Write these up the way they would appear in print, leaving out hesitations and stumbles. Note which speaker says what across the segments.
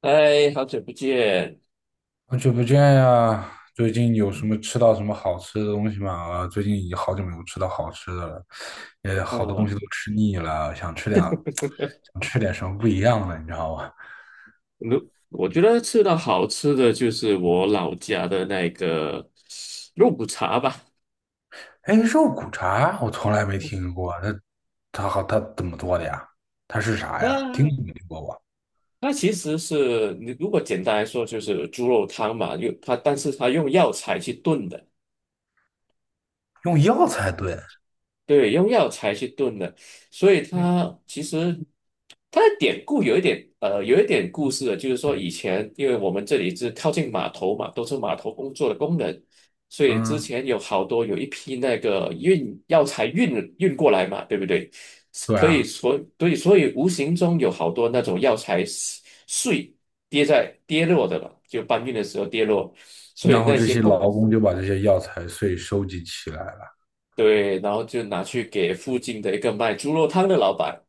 Speaker 1: 哎，好久不见。
Speaker 2: 好久不见呀！最近有什么吃到什么好吃的东西吗？啊，最近已经好久没有吃到好吃的了，也好多东西
Speaker 1: 嗯，
Speaker 2: 都吃腻了，想吃点，想吃点什么不一样的，你知道吗？
Speaker 1: 如我觉得吃到好吃的就是我老家的那个肉骨茶吧。
Speaker 2: 哎，肉骨茶我从来没听过，它怎么做的呀？它是啥呀？听
Speaker 1: 它
Speaker 2: 都没听过吧？
Speaker 1: 它其实是你如果简单来说就是猪肉汤嘛，用它，但是它用药材去炖的。
Speaker 2: 用药材炖？
Speaker 1: 对，用药材去炖的，所以
Speaker 2: 嗯
Speaker 1: 它其实它的典故有一点故事的，就是说以前因为我们这里是靠近码头嘛，都是码头工作的工人，所以之
Speaker 2: 嗯，
Speaker 1: 前有好多有一批那个运药材运过来嘛，对不对？
Speaker 2: 对
Speaker 1: 可以
Speaker 2: 啊，
Speaker 1: 所对，所以无形中有好多那种药材碎跌落的了，就搬运的时候跌落，所以
Speaker 2: 然后
Speaker 1: 那
Speaker 2: 这
Speaker 1: 些
Speaker 2: 些
Speaker 1: 工
Speaker 2: 劳工就把这些药材碎收集起来了。
Speaker 1: 对，然后就拿去给附近的一个卖猪肉汤的老板。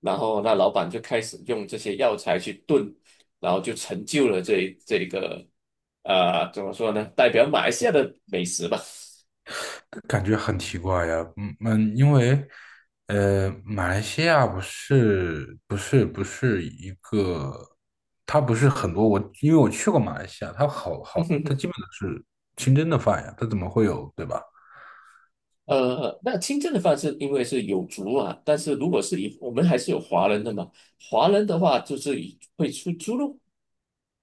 Speaker 1: 然后那老板就开始用这些药材去炖，然后就成就了这个怎么说呢？代表马来西亚的美食吧。
Speaker 2: 感觉很奇怪呀，嗯嗯，因为马来西亚不是一个，它不是很多我，因为我去过马来西亚，它好好，它基本都是清真的饭呀，它怎么会有，对吧？
Speaker 1: 那清蒸的方式因为是有族啊，但是如果是以我们还是有华人的嘛，华人的话就是以会出猪肉，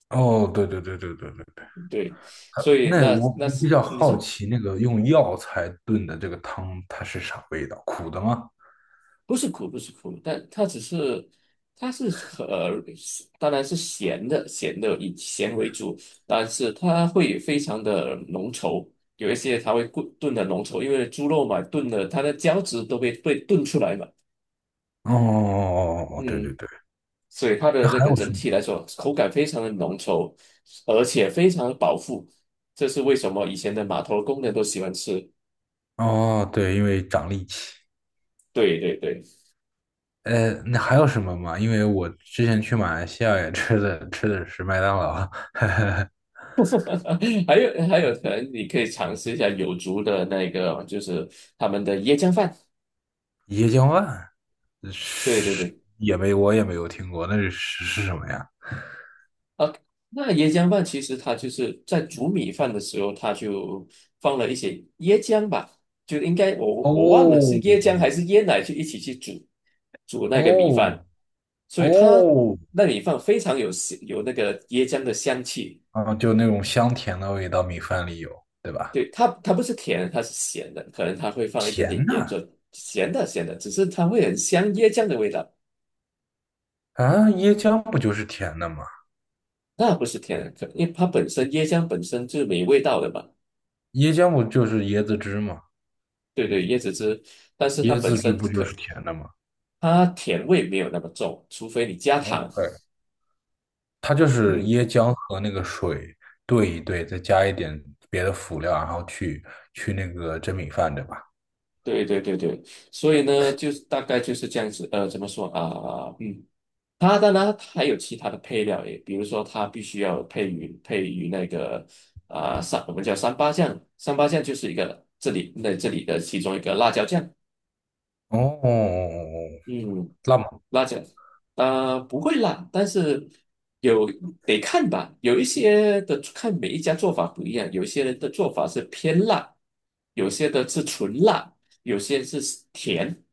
Speaker 2: 哦，对对对对对对对，
Speaker 1: 对，
Speaker 2: 它
Speaker 1: 所以
Speaker 2: 那
Speaker 1: 那
Speaker 2: 我
Speaker 1: 那
Speaker 2: 我
Speaker 1: 是
Speaker 2: 比较
Speaker 1: 你
Speaker 2: 好
Speaker 1: 说。
Speaker 2: 奇，那个用药材炖的这个汤，它是啥味道？苦的吗？
Speaker 1: 不是苦，不是苦，但它只是，它是呃，当然是咸的，咸的以咸为主，但是它会非常的浓稠，有一些它会炖炖的浓稠，因为猪肉嘛，炖的它的胶质都被炖出来嘛，
Speaker 2: 哦哦哦哦，哦对对
Speaker 1: 嗯，
Speaker 2: 对，
Speaker 1: 所以它
Speaker 2: 那
Speaker 1: 的那
Speaker 2: 还
Speaker 1: 个
Speaker 2: 有
Speaker 1: 整
Speaker 2: 什么？
Speaker 1: 体来说，口感非常的浓稠，而且非常的饱腹，这是为什么以前的码头工人都喜欢吃。
Speaker 2: 哦，对，因为长力气。
Speaker 1: 对对对。
Speaker 2: 那还有什么吗？因为我之前去马来西亚也吃的是麦当劳，
Speaker 1: 还有，可能你可以尝试一下有族的那个，就是他们的椰浆饭。
Speaker 2: 椰浆饭，
Speaker 1: 对对
Speaker 2: 是
Speaker 1: 对，
Speaker 2: 也没有听过，那是什么呀？
Speaker 1: 啊，那椰浆饭其实它就是在煮米饭的时候，它就放了一些椰浆吧，就应该我忘了是
Speaker 2: 哦
Speaker 1: 椰浆还是椰奶去一起去煮那个米
Speaker 2: 哦
Speaker 1: 饭，所以它
Speaker 2: 哦，
Speaker 1: 那米饭非常有香有那个椰浆的香气。
Speaker 2: 啊，就那种香甜的味道，米饭里有，对吧？
Speaker 1: 对，它不是甜的，它是咸的，可能它会放一点点
Speaker 2: 嗯
Speaker 1: 盐做咸的咸的，只是它会很香椰浆的味道。
Speaker 2: 啊，椰浆不就是甜的吗？
Speaker 1: 那不是天然可，因为它本身椰浆本身就是没味道的嘛。
Speaker 2: 椰浆不就是椰子汁吗？
Speaker 1: 对对，椰子汁，但是它
Speaker 2: 椰
Speaker 1: 本
Speaker 2: 子汁
Speaker 1: 身
Speaker 2: 不就
Speaker 1: 可，
Speaker 2: 是甜的吗
Speaker 1: 它甜味没有那么重，除非你加糖。
Speaker 2: ？OK,它就是
Speaker 1: 嗯，
Speaker 2: 椰浆和那个水兑一兑，再加一点别的辅料，然后去那个蒸米饭，对吧？
Speaker 1: 对对对对，所以呢，就是大概就是这样子。怎么说啊？它当然它还有其他的配料也，比如说它必须要配于那个我们叫三八酱，三八酱就是一个这里的其中一个辣椒酱。
Speaker 2: 哦，哦哦哦
Speaker 1: 嗯。
Speaker 2: 辣么
Speaker 1: 辣椒，啊，不会辣，但是有得看吧。有一些的看每一家做法不一样，有些人的做法是偏辣，有些的是纯辣，有些是甜。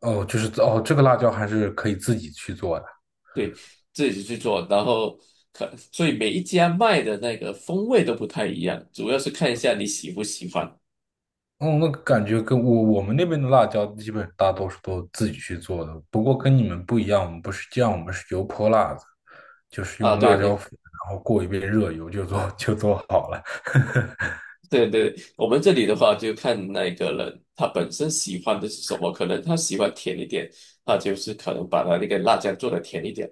Speaker 2: 哦，就是哦，这个辣椒还是可以自己去做的。
Speaker 1: 对，自己去做，然后可，所以每一家卖的那个风味都不太一样，主要是看一下你喜不喜欢。
Speaker 2: 哦，那感觉跟我们那边的辣椒基本大多数都自己去做的，不过跟你们不一样，我们不是酱，我们是油泼辣子，就是
Speaker 1: 啊，
Speaker 2: 用
Speaker 1: 对
Speaker 2: 辣椒
Speaker 1: 对
Speaker 2: 粉，然后过一遍热油就做好了。
Speaker 1: 对对，我们这里的话就看那个人他本身喜欢的是什么，可能他喜欢甜一点，他就是可能把他那个辣椒做的甜一点。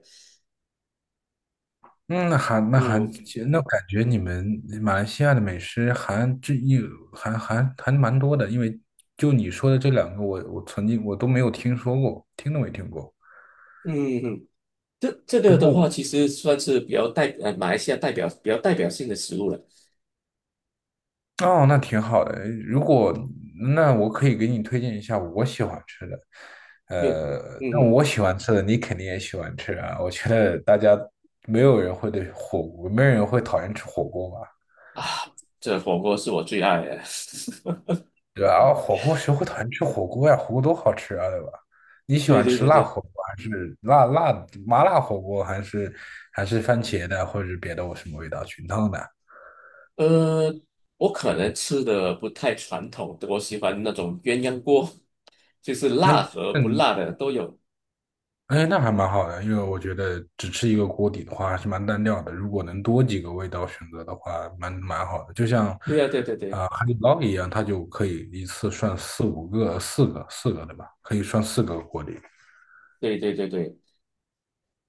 Speaker 2: 嗯，那还那还
Speaker 1: 嗯
Speaker 2: 那感觉你们马来西亚的美食还这一还还还蛮多的，因为就你说的这两个我，我曾经都没有听说过，听都没听过。
Speaker 1: 嗯，嗯这这
Speaker 2: 不
Speaker 1: 个的
Speaker 2: 过
Speaker 1: 话，
Speaker 2: 我
Speaker 1: 其实算是比较代呃马来西亚代表比较代表性的食物了。
Speaker 2: 哦，那挺好的。那我可以给你推荐一下我喜欢吃的，
Speaker 1: 对，
Speaker 2: 但
Speaker 1: 嗯
Speaker 2: 我喜欢吃的你肯定也喜欢吃啊。我觉得大家没有人会对火锅，没有人会讨厌吃火锅吧。
Speaker 1: 啊，这火锅是我最爱的。
Speaker 2: 对后火锅谁会讨厌吃火锅呀？火锅多好吃啊，对吧？你喜
Speaker 1: 对
Speaker 2: 欢
Speaker 1: 对
Speaker 2: 吃
Speaker 1: 对
Speaker 2: 辣
Speaker 1: 对，
Speaker 2: 火锅还是麻辣火锅，还是番茄的，或者是别的我什么味道菌汤的？
Speaker 1: 呃，我可能吃的不太传统，我喜欢那种鸳鸯锅，就是辣
Speaker 2: 哎，
Speaker 1: 和不
Speaker 2: 嗯，
Speaker 1: 辣的都有。
Speaker 2: 哎，那还蛮好的，因为我觉得只吃一个锅底的话还是蛮单调的。如果能多几个味道选择的话，蛮好的。就像
Speaker 1: 对呀、对对对
Speaker 2: 海底捞一样，它就可以一次涮四五个、四个，对吧？可以涮四个锅底。
Speaker 1: 对对对对，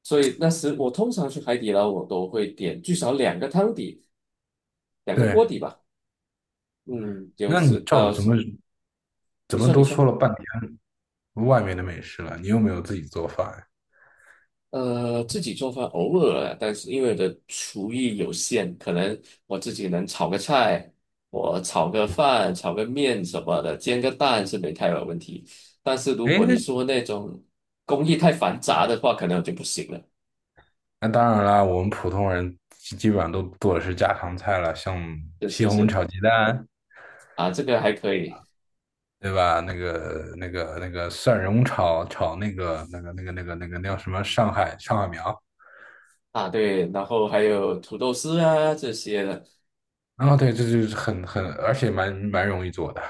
Speaker 1: 所以那时我通常去海底捞，我都会点至少两个汤底，两个锅
Speaker 2: 对，
Speaker 1: 底吧。嗯，就
Speaker 2: 那你
Speaker 1: 是
Speaker 2: 照
Speaker 1: 到
Speaker 2: 怎
Speaker 1: 时
Speaker 2: 么怎
Speaker 1: 你
Speaker 2: 么
Speaker 1: 说你
Speaker 2: 都说
Speaker 1: 说。
Speaker 2: 了半天。外面的美食了，你又没有自己做饭。
Speaker 1: 自己做饭偶尔啊，但是因为我的厨艺有限，可能我自己能炒个菜，我炒个饭、炒个面什么的，煎个蛋是没太有问题。但是如
Speaker 2: 哎，
Speaker 1: 果你说那种工艺太繁杂的话，可能我就不行了。
Speaker 2: 那当然啦，我们普通人基本上都做的是家常菜了，像
Speaker 1: 就
Speaker 2: 西
Speaker 1: 是
Speaker 2: 红柿
Speaker 1: 是
Speaker 2: 炒鸡蛋，
Speaker 1: 啊，这个还可以
Speaker 2: 对吧？那个蒜蓉炒那个、那个、那个、那个、那个那叫什么上海苗。
Speaker 1: 啊，对，然后还有土豆丝啊这些的，
Speaker 2: 啊，对，这就是很，而且蛮容易做的，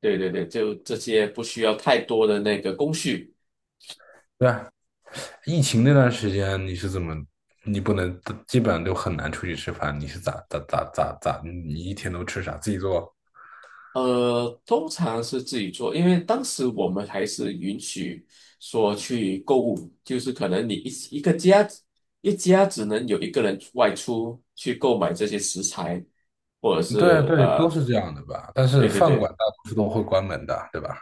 Speaker 1: 对对对，就这些不需要太多的那个工序。
Speaker 2: 对吧？疫情那段时间你是怎么？你不能，基本上都很难出去吃饭。你是咋？你一天都吃啥？自己做？
Speaker 1: 通常是自己做，因为当时我们还是允许说去购物，就是可能你一家只能有一个人外出去购买这些食材，或者
Speaker 2: 对
Speaker 1: 是
Speaker 2: 对，都是这样的吧？但是
Speaker 1: 对对
Speaker 2: 饭馆
Speaker 1: 对，
Speaker 2: 大多数都会关门的，对吧？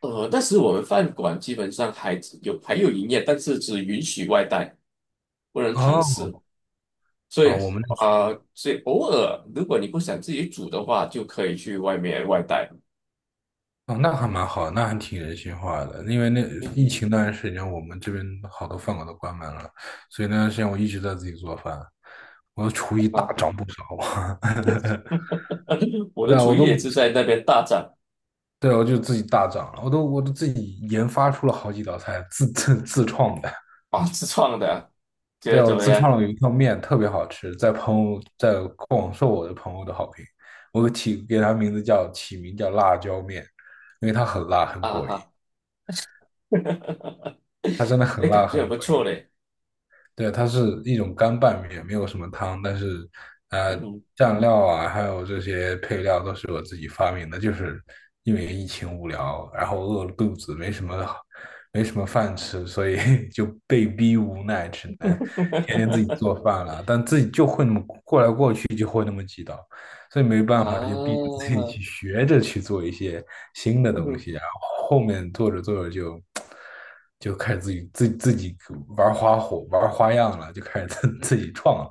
Speaker 1: 但是我们饭馆基本上还有营业，但是只允许外带，不能堂
Speaker 2: 哦，
Speaker 1: 食，所以
Speaker 2: 啊，我们那
Speaker 1: 啊、呃偶尔如果你不想自己煮的话，就可以去外面外带。
Speaker 2: 哦，那还蛮好，那还挺人性化的。因为那疫
Speaker 1: 嗯。
Speaker 2: 情那段时间，我们这边好多饭馆都关门了，所以那段时间我一直在自己做饭，我的厨艺大
Speaker 1: 啊。
Speaker 2: 涨不少啊。
Speaker 1: 我的
Speaker 2: 对啊，
Speaker 1: 厨艺也是在那边大展
Speaker 2: 对，我就自己大涨了，我都自己研发出了好几道菜，自创的。
Speaker 1: 啊，自创的啊觉
Speaker 2: 对，
Speaker 1: 得怎
Speaker 2: 我
Speaker 1: 么
Speaker 2: 自创
Speaker 1: 样？
Speaker 2: 了有一条面，特别好吃，在朋友在广受我的朋友的好评。我起给它名字叫起名叫辣椒面，因为它很辣，很
Speaker 1: 啊
Speaker 2: 过瘾。
Speaker 1: 哈，
Speaker 2: 它真的很
Speaker 1: 哎，
Speaker 2: 辣，
Speaker 1: 感觉
Speaker 2: 很
Speaker 1: 很不
Speaker 2: 过
Speaker 1: 错
Speaker 2: 瘾。
Speaker 1: 嘞。
Speaker 2: 对，它是一种干拌面，没有什么汤，但是呃，
Speaker 1: 嗯，
Speaker 2: 蘸料啊，还有这些配料都是我自己发明的，就是因为疫情无聊，然后饿了肚子，没什么饭吃，所以 就被逼无奈，只能天天自己 做饭了。但自己就会那么过来过去，就会那么几道。所以没办法，就逼
Speaker 1: 啊，
Speaker 2: 着自己去学着去做一些新的东
Speaker 1: 嗯
Speaker 2: 西，然后后面做着做着就开始自己自己玩花火、玩花样了，就开始自己创了，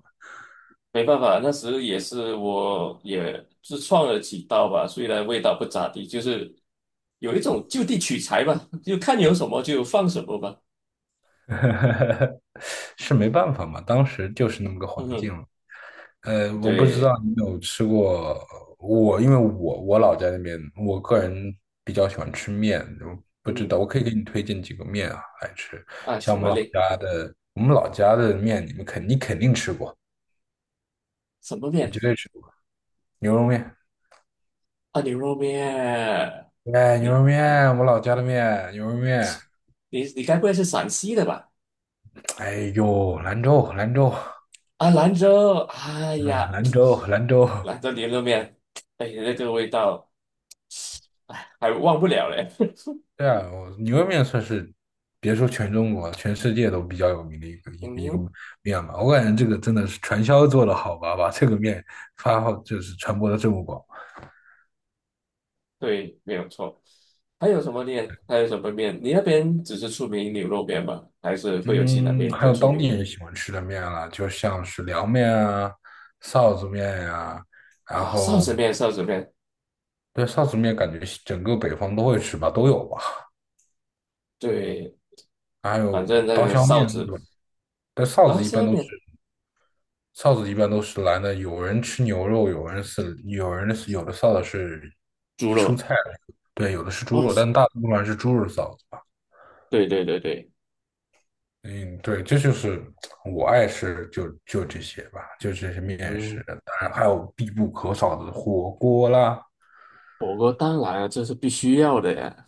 Speaker 1: 没办法，那时也是我也自创了几道吧，虽然味道不咋地，就是有一种就地取材吧，就看有什么就放什么吧。
Speaker 2: 是没办法嘛，当时就是那么个环
Speaker 1: 嗯，
Speaker 2: 境了。呃，我不知道
Speaker 1: 对，
Speaker 2: 你有吃过因为我老家那边，我个人比较喜欢吃面，我不知道，
Speaker 1: 嗯，
Speaker 2: 我可以给你推荐几个面啊来吃。
Speaker 1: 啊，
Speaker 2: 像
Speaker 1: 什
Speaker 2: 我
Speaker 1: 么
Speaker 2: 们老
Speaker 1: 嘞？
Speaker 2: 家的，我们老家的面，你肯定吃过，
Speaker 1: 什么
Speaker 2: 你
Speaker 1: 面？
Speaker 2: 绝对吃过牛肉面。
Speaker 1: 啊，牛肉面。
Speaker 2: 哎，牛肉
Speaker 1: 你
Speaker 2: 面，我老家的面，牛肉面。
Speaker 1: 你该不会是陕西的吧？
Speaker 2: 哎呦，兰州，兰州，
Speaker 1: 啊，兰州，哎
Speaker 2: 嗯，
Speaker 1: 呀，
Speaker 2: 兰州
Speaker 1: 兰州牛肉面，哎呀，那个味道，哎，还忘不了嘞。
Speaker 2: 对啊，我牛肉面算是，别说全中国，全世界都比较有名的一个
Speaker 1: 嗯，
Speaker 2: 面吧。我感觉这个真的是传销做的好吧，把这个面发好就是传播的这么广。
Speaker 1: 对，没有错。还有什么面？还有什么面？你那边只是出名牛肉面吗？还是会有其他
Speaker 2: 嗯，
Speaker 1: 面比
Speaker 2: 还
Speaker 1: 较
Speaker 2: 有
Speaker 1: 出
Speaker 2: 当地
Speaker 1: 名？
Speaker 2: 人喜欢吃的面啦，就像是凉面啊、臊子面呀、然
Speaker 1: 啊，臊
Speaker 2: 后
Speaker 1: 子面，臊子面，
Speaker 2: 对臊子面感觉整个北方都会吃吧，都有吧。
Speaker 1: 对，
Speaker 2: 还
Speaker 1: 反
Speaker 2: 有
Speaker 1: 正那
Speaker 2: 刀
Speaker 1: 个
Speaker 2: 削
Speaker 1: 臊
Speaker 2: 面，
Speaker 1: 子，
Speaker 2: 对吧？但臊
Speaker 1: 刀
Speaker 2: 子一般
Speaker 1: 削
Speaker 2: 都是
Speaker 1: 面，
Speaker 2: 臊子一般都是蓝的，有人吃牛肉，有的臊子是
Speaker 1: 猪
Speaker 2: 蔬
Speaker 1: 肉，
Speaker 2: 菜，对，有的是猪
Speaker 1: 哦，
Speaker 2: 肉，但大部分还是猪肉臊子吧。
Speaker 1: 对对对对，
Speaker 2: 嗯，对，这就是我爱吃这些吧，就这些面食，
Speaker 1: 嗯，
Speaker 2: 当然还有必不可少的火锅啦。
Speaker 1: 火锅当然啊，这是必须要的呀。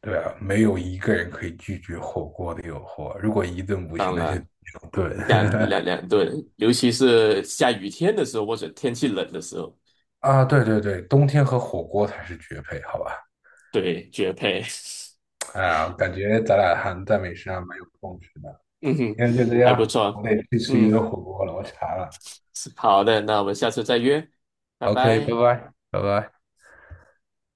Speaker 2: 对啊，没有一个人可以拒绝火锅的诱惑。如果一顿不行，
Speaker 1: 当
Speaker 2: 那就
Speaker 1: 然。
Speaker 2: 两顿。
Speaker 1: 两 两两顿，尤其是下雨天的时候或者天气冷的时候，
Speaker 2: 啊，对对对，冬天和火锅才是绝配，好吧？
Speaker 1: 对，绝配。
Speaker 2: 哎呀，感觉咱俩还在美食上蛮有共识的。
Speaker 1: 嗯哼，
Speaker 2: 今天就这
Speaker 1: 还不
Speaker 2: 样，我
Speaker 1: 错。
Speaker 2: 得去吃一
Speaker 1: 嗯，
Speaker 2: 顿火锅了，我馋了。
Speaker 1: 是好的，那我们下次再约，拜
Speaker 2: OK,拜
Speaker 1: 拜。
Speaker 2: 拜，拜拜。